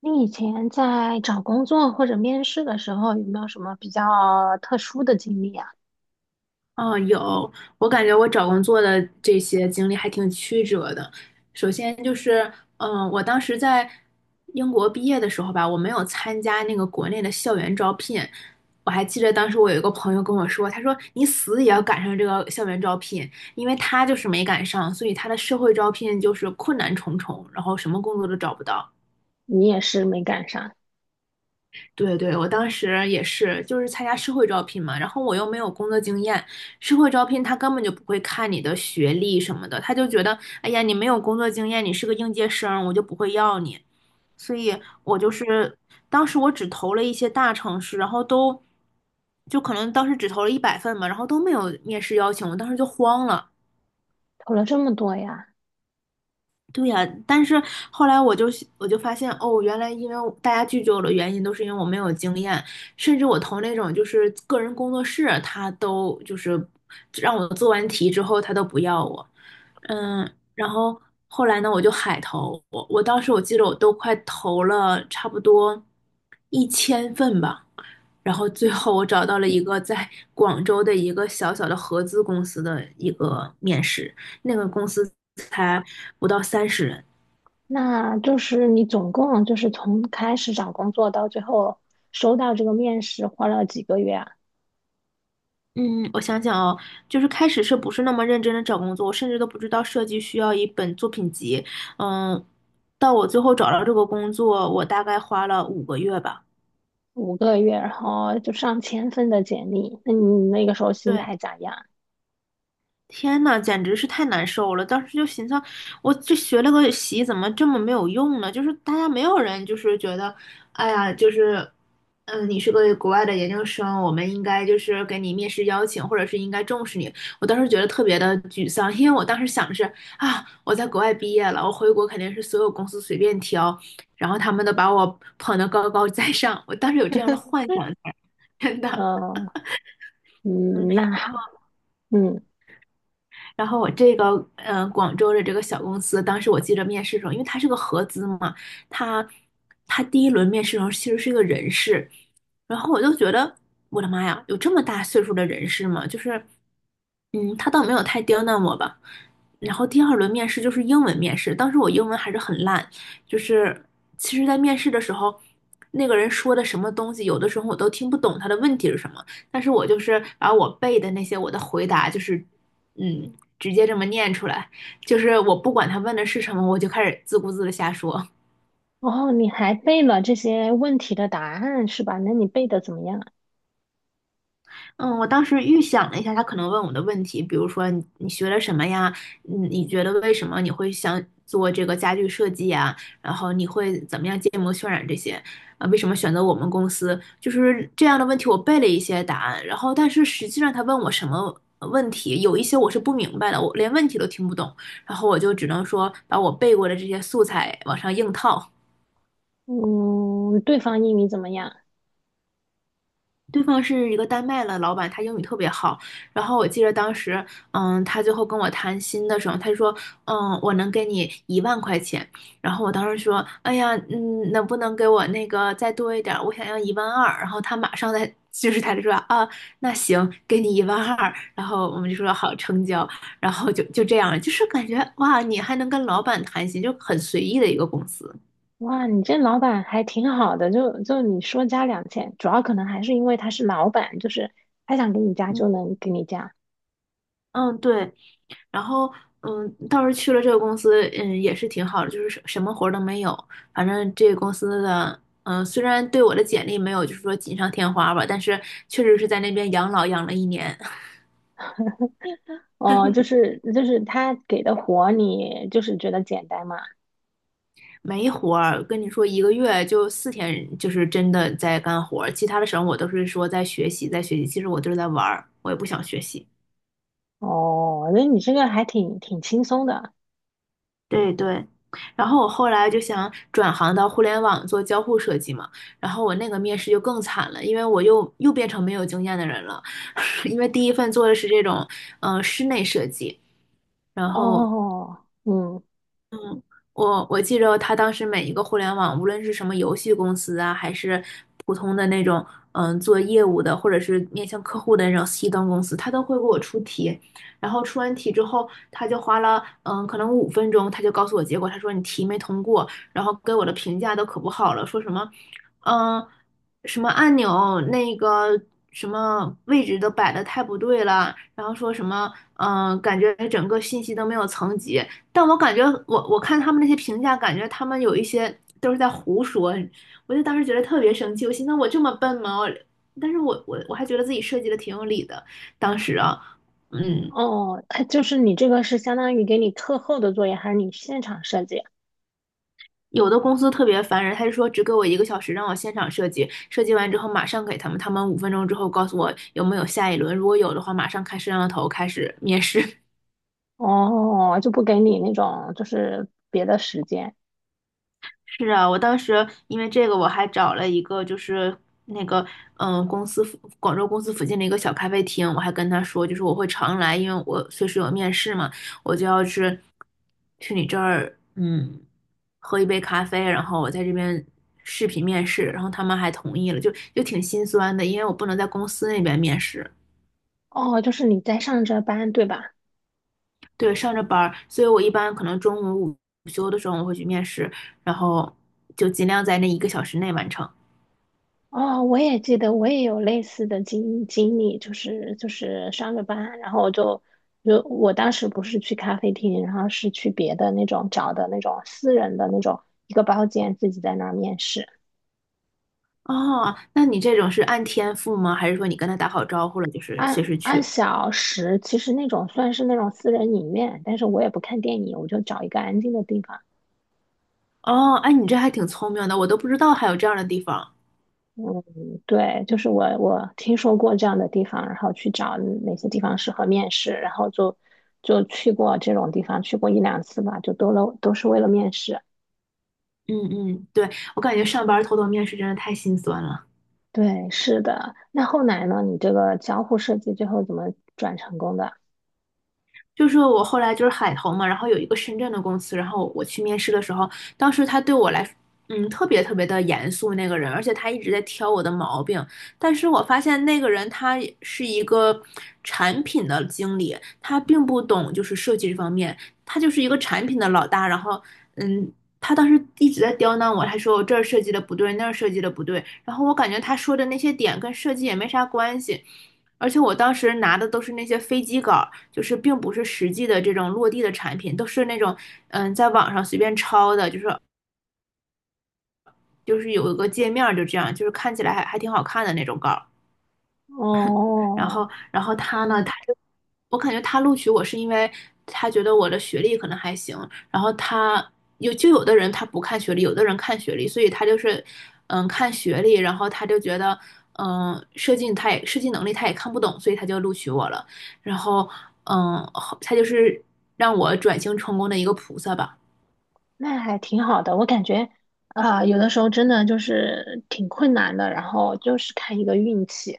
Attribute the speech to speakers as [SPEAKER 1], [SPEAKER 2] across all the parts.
[SPEAKER 1] 你以前在找工作或者面试的时候，有没有什么比较特殊的经历啊？
[SPEAKER 2] 嗯，有，我感觉我找工作的这些经历还挺曲折的。首先就是，我当时在英国毕业的时候吧，我没有参加那个国内的校园招聘。我还记得当时我有一个朋友跟我说，他说你死也要赶上这个校园招聘，因为他就是没赶上，所以他的社会招聘就是困难重重，然后什么工作都找不到。
[SPEAKER 1] 你也是没赶上，
[SPEAKER 2] 对对，我当时也是，就是参加社会招聘嘛，然后我又没有工作经验，社会招聘他根本就不会看你的学历什么的，他就觉得，哎呀，你没有工作经验，你是个应届生，我就不会要你。所以我就是当时我只投了一些大城市，然后就可能当时只投了100份嘛，然后都没有面试邀请，我当时就慌了，
[SPEAKER 1] 投了这么多呀？
[SPEAKER 2] 对呀，但是后来我就发现，哦，原来因为我大家拒绝我的原因都是因为我没有经验，甚至我投那种就是个人工作室，他都就是让我做完题之后，他都不要我。嗯，然后后来呢，我就海投，我当时我记得我都快投了差不多一千份吧，然后最后我找到了一个在广州的一个小小的合资公司的一个面试。那个公司才不到30人。
[SPEAKER 1] 那就是你总共就是从开始找工作到最后收到这个面试，花了几个月啊？
[SPEAKER 2] 嗯，我想想哦，就是开始是不是那么认真的找工作，我甚至都不知道设计需要一本作品集。嗯，到我最后找到这个工作，我大概花了5个月吧。
[SPEAKER 1] 5个月，然后就上千份的简历。那你那个时候心
[SPEAKER 2] 对，
[SPEAKER 1] 态咋样？
[SPEAKER 2] 天呐，简直是太难受了！当时就心想，我这学了个习，怎么这么没有用呢？就是大家没有人就是觉得，哎呀，就是，你是个国外的研究生，我们应该就是给你面试邀请，或者是应该重视你。我当时觉得特别的沮丧，因为我当时想的是啊，我在国外毕业了，我回国肯定是所有公司随便挑，然后他们都把我捧得高高在上。我当时有这样的 幻想在，真的。
[SPEAKER 1] 呃，嗯，
[SPEAKER 2] 嗯。
[SPEAKER 1] 那还嗯，
[SPEAKER 2] 然后我这个广州的这个小公司，当时我记得面试的时候，因为它是个合资嘛，它它第一轮面试的时候其实是一个人事，然后我就觉得我的妈呀，有这么大岁数的人事吗？就是嗯，他倒没有太刁难我吧。然后第二轮面试就是英文面试，当时我英文还是很烂，就是其实在面试的时候。那个人说的什么东西，有的时候我都听不懂他的问题是什么，但是我就是把我背的那些我的回答，就是嗯，直接这么念出来，就是我不管他问的是什么，我就开始自顾自的瞎说。
[SPEAKER 1] 哦，你还背了这些问题的答案是吧？那你背的怎么样啊？
[SPEAKER 2] 嗯，我当时预想了一下他可能问我的问题，比如说你学了什么呀？你觉得为什么你会想做这个家具设计呀？然后你会怎么样建模渲染这些？啊，为什么选择我们公司？就是这样的问题，我背了一些答案，然后但是实际上他问我什么问题，有一些我是不明白的，我连问题都听不懂，然后我就只能说把我背过的这些素材往上硬套。
[SPEAKER 1] 嗯，对方英语怎么样？
[SPEAKER 2] 对方是一个丹麦的老板，他英语特别好。然后我记得当时，他最后跟我谈心的时候，他就说，我能给你1万块钱。然后我当时说，哎呀，能不能给我那个再多一点儿？我想要一万二。然后他马上在 就是他就说，啊，那行，给你一万二。然后我们就说好成交。然后就这样，就是感觉哇，你还能跟老板谈心，就很随意的一个公司。
[SPEAKER 1] 哇，你这老板还挺好的，就你说加2000，主要可能还是因为他是老板，就是他想给你加
[SPEAKER 2] 嗯
[SPEAKER 1] 就能给你加。
[SPEAKER 2] 嗯，对，然后，倒是去了这个公司，也是挺好的，就是什么活儿都没有。反正这个公司的，虽然对我的简历没有就是说锦上添花吧，但是确实是在那边养老养了一年，
[SPEAKER 1] 哦，就是他给的活你就是觉得简单嘛。
[SPEAKER 2] 没活儿。跟你说，一个月就四天，就是真的在干活儿，其他的时候我都是说在学习，在学习。其实我就是在玩儿，我也不想学习。
[SPEAKER 1] 哦，那你这个还挺轻松的。
[SPEAKER 2] 对对，然后我后来就想转行到互联网做交互设计嘛，然后我那个面试就更惨了，因为我又变成没有经验的人了，因为第一份做的是这种室内设计，然后
[SPEAKER 1] 哦，嗯，
[SPEAKER 2] 我记着他当时每一个互联网，无论是什么游戏公司啊，还是普通的那种做业务的，或者是面向客户的那种 C 端公司，他都会给我出题。然后出完题之后，他就花了可能五分钟，他就告诉我结果，他说你题没通过，然后给我的评价都可不好了，说什么嗯什么按钮那个什么位置都摆的太不对了，然后说什么感觉整个信息都没有层级。但我感觉我看他们那些评价，感觉他们有一些都是在胡说，我就当时觉得特别生气，我心想我这么笨吗？我但是我还觉得自己设计的挺有理的，当时啊，嗯，
[SPEAKER 1] 哦，他就是你这个是相当于给你课后的作业，还是你现场设计？
[SPEAKER 2] 有的公司特别烦人，他就说只给我一个小时让我现场设计，设计完之后马上给他们，他们五分钟之后告诉我有没有下一轮，如果有的话马上开摄像头开始面试。
[SPEAKER 1] 哦，就不给你那种就是别的时间。
[SPEAKER 2] 是啊，我当时因为这个，我还找了一个就是那个公司附广州公司附近的一个小咖啡厅，我还跟他说，就是我会常来，因为我随时有面试嘛，我就要去你这儿喝一杯咖啡，然后我在这边视频面试，然后他们还同意了，就挺心酸的，因为我不能在公司那边面试，
[SPEAKER 1] 哦，就是你在上着班，对吧？
[SPEAKER 2] 对，上着班儿，所以我一般可能中午午休的时候我会去面试，然后就尽量在那一个小时内完成。
[SPEAKER 1] 哦，我也记得，我也有类似的经历，就是上着班，然后就我当时不是去咖啡厅，然后是去别的那种找的那种私人的那种一个包间，自己在那儿面试，
[SPEAKER 2] 哦，那你这种是按天付吗？还是说你跟他打好招呼了，就是
[SPEAKER 1] 按
[SPEAKER 2] 随时
[SPEAKER 1] 按
[SPEAKER 2] 去？
[SPEAKER 1] 小时，其实那种算是那种私人影院，但是我也不看电影，我就找一个安静的地方。
[SPEAKER 2] 哦，哎，你这还挺聪明的，我都不知道还有这样的地方。
[SPEAKER 1] 嗯，对，就是我听说过这样的地方，然后去找哪些地方适合面试，然后就就去过这种地方，去过一两次吧，就都了都是为了面试。
[SPEAKER 2] 嗯嗯，对，我感觉上班儿偷偷面试真的太心酸了。
[SPEAKER 1] 对，是的。那后来呢？你这个交互设计最后怎么转成功的？
[SPEAKER 2] 就是我后来就是海投嘛，然后有一个深圳的公司，然后我去面试的时候，当时他对我来，特别特别的严肃那个人，而且他一直在挑我的毛病。但是我发现那个人他是一个产品的经理，他并不懂就是设计这方面，他就是一个产品的老大。然后，嗯，他当时一直在刁难我，他说我这儿设计的不对，那儿设计的不对。然后我感觉他说的那些点跟设计也没啥关系。而且我当时拿的都是那些飞机稿儿就是并不是实际的这种落地的产品，都是那种在网上随便抄的，就是有一个界面儿就这样，就是看起来还挺好看的那种稿儿。然后，
[SPEAKER 1] 哦，
[SPEAKER 2] 他呢，我感觉他录取我是因为他觉得我的学历可能还行，然后他就有的人他不看学历，有的人看学历，所以他就是看学历，然后他就觉得设计能力他也看不懂，所以他就录取我了，然后他就是让我转型成功的一个菩萨吧。
[SPEAKER 1] 那还挺好的。我感觉啊，有的时候真的就是挺困难的，然后就是看一个运气。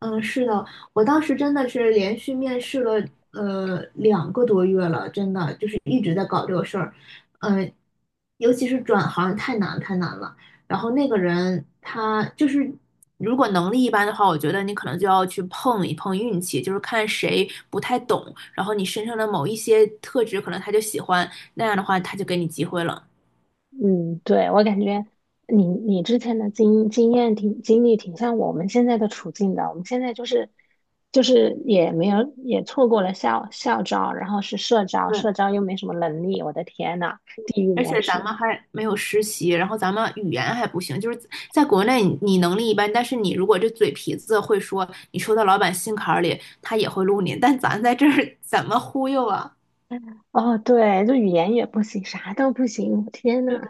[SPEAKER 2] 嗯，是的，我当时真的是连续面试了2个多月了，真的就是一直在搞这个事儿，嗯、尤其是转行太难太难了。然后那个人他就是如果能力一般的话，我觉得你可能就要去碰一碰运气，就是看谁不太懂，然后你身上的某一些特质可能他就喜欢，那样的话他就给你机会了。
[SPEAKER 1] 嗯，对，我感觉你之前的经验挺经历挺像我们现在的处境的。我们现在就是就是也没有也错过了校招，然后是社招，社
[SPEAKER 2] 对。
[SPEAKER 1] 招又没什么能力，我的天呐，地狱
[SPEAKER 2] 而
[SPEAKER 1] 模
[SPEAKER 2] 且咱
[SPEAKER 1] 式。
[SPEAKER 2] 们还没有实习，然后咱们语言还不行，就是在国内你能力一般，但是你如果这嘴皮子会说，你说到老板心坎儿里，他也会录你。但咱在这儿 怎么忽悠啊？
[SPEAKER 1] 哦，对，就语言也不行，啥都不行，我天呐，
[SPEAKER 2] 对吧，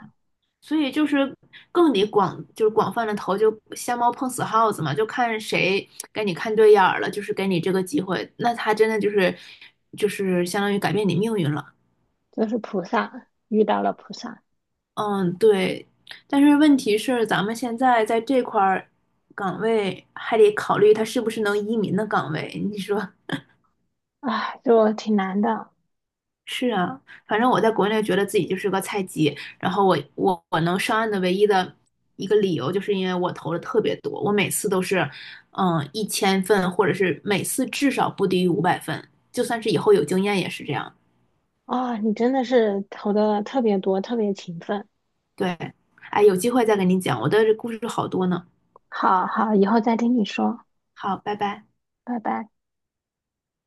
[SPEAKER 2] 所以就是更得广，就是广泛的投，就瞎猫碰死耗子嘛，就看谁给你看对眼儿了，就是给你这个机会，那他真的就是相当于改变你命运了。
[SPEAKER 1] 就是菩萨遇到了菩萨，
[SPEAKER 2] 嗯，对，但是问题是，咱们现在在这块儿岗位还得考虑它是不是能移民的岗位。你说
[SPEAKER 1] 啊，就挺难的
[SPEAKER 2] 是啊，反正我在国内觉得自己就是个菜鸡，然后我能上岸的唯一的一个理由，就是因为我投的特别多，我每次都是一千份，或者是每次至少不低于500份，就算是以后有经验也是这样。
[SPEAKER 1] 啊，你真的是投的特别多，特别勤奋。
[SPEAKER 2] 对，哎，有机会再跟你讲，我的故事好多呢。
[SPEAKER 1] 好好，以后再听你说，
[SPEAKER 2] 好，拜拜。
[SPEAKER 1] 拜拜。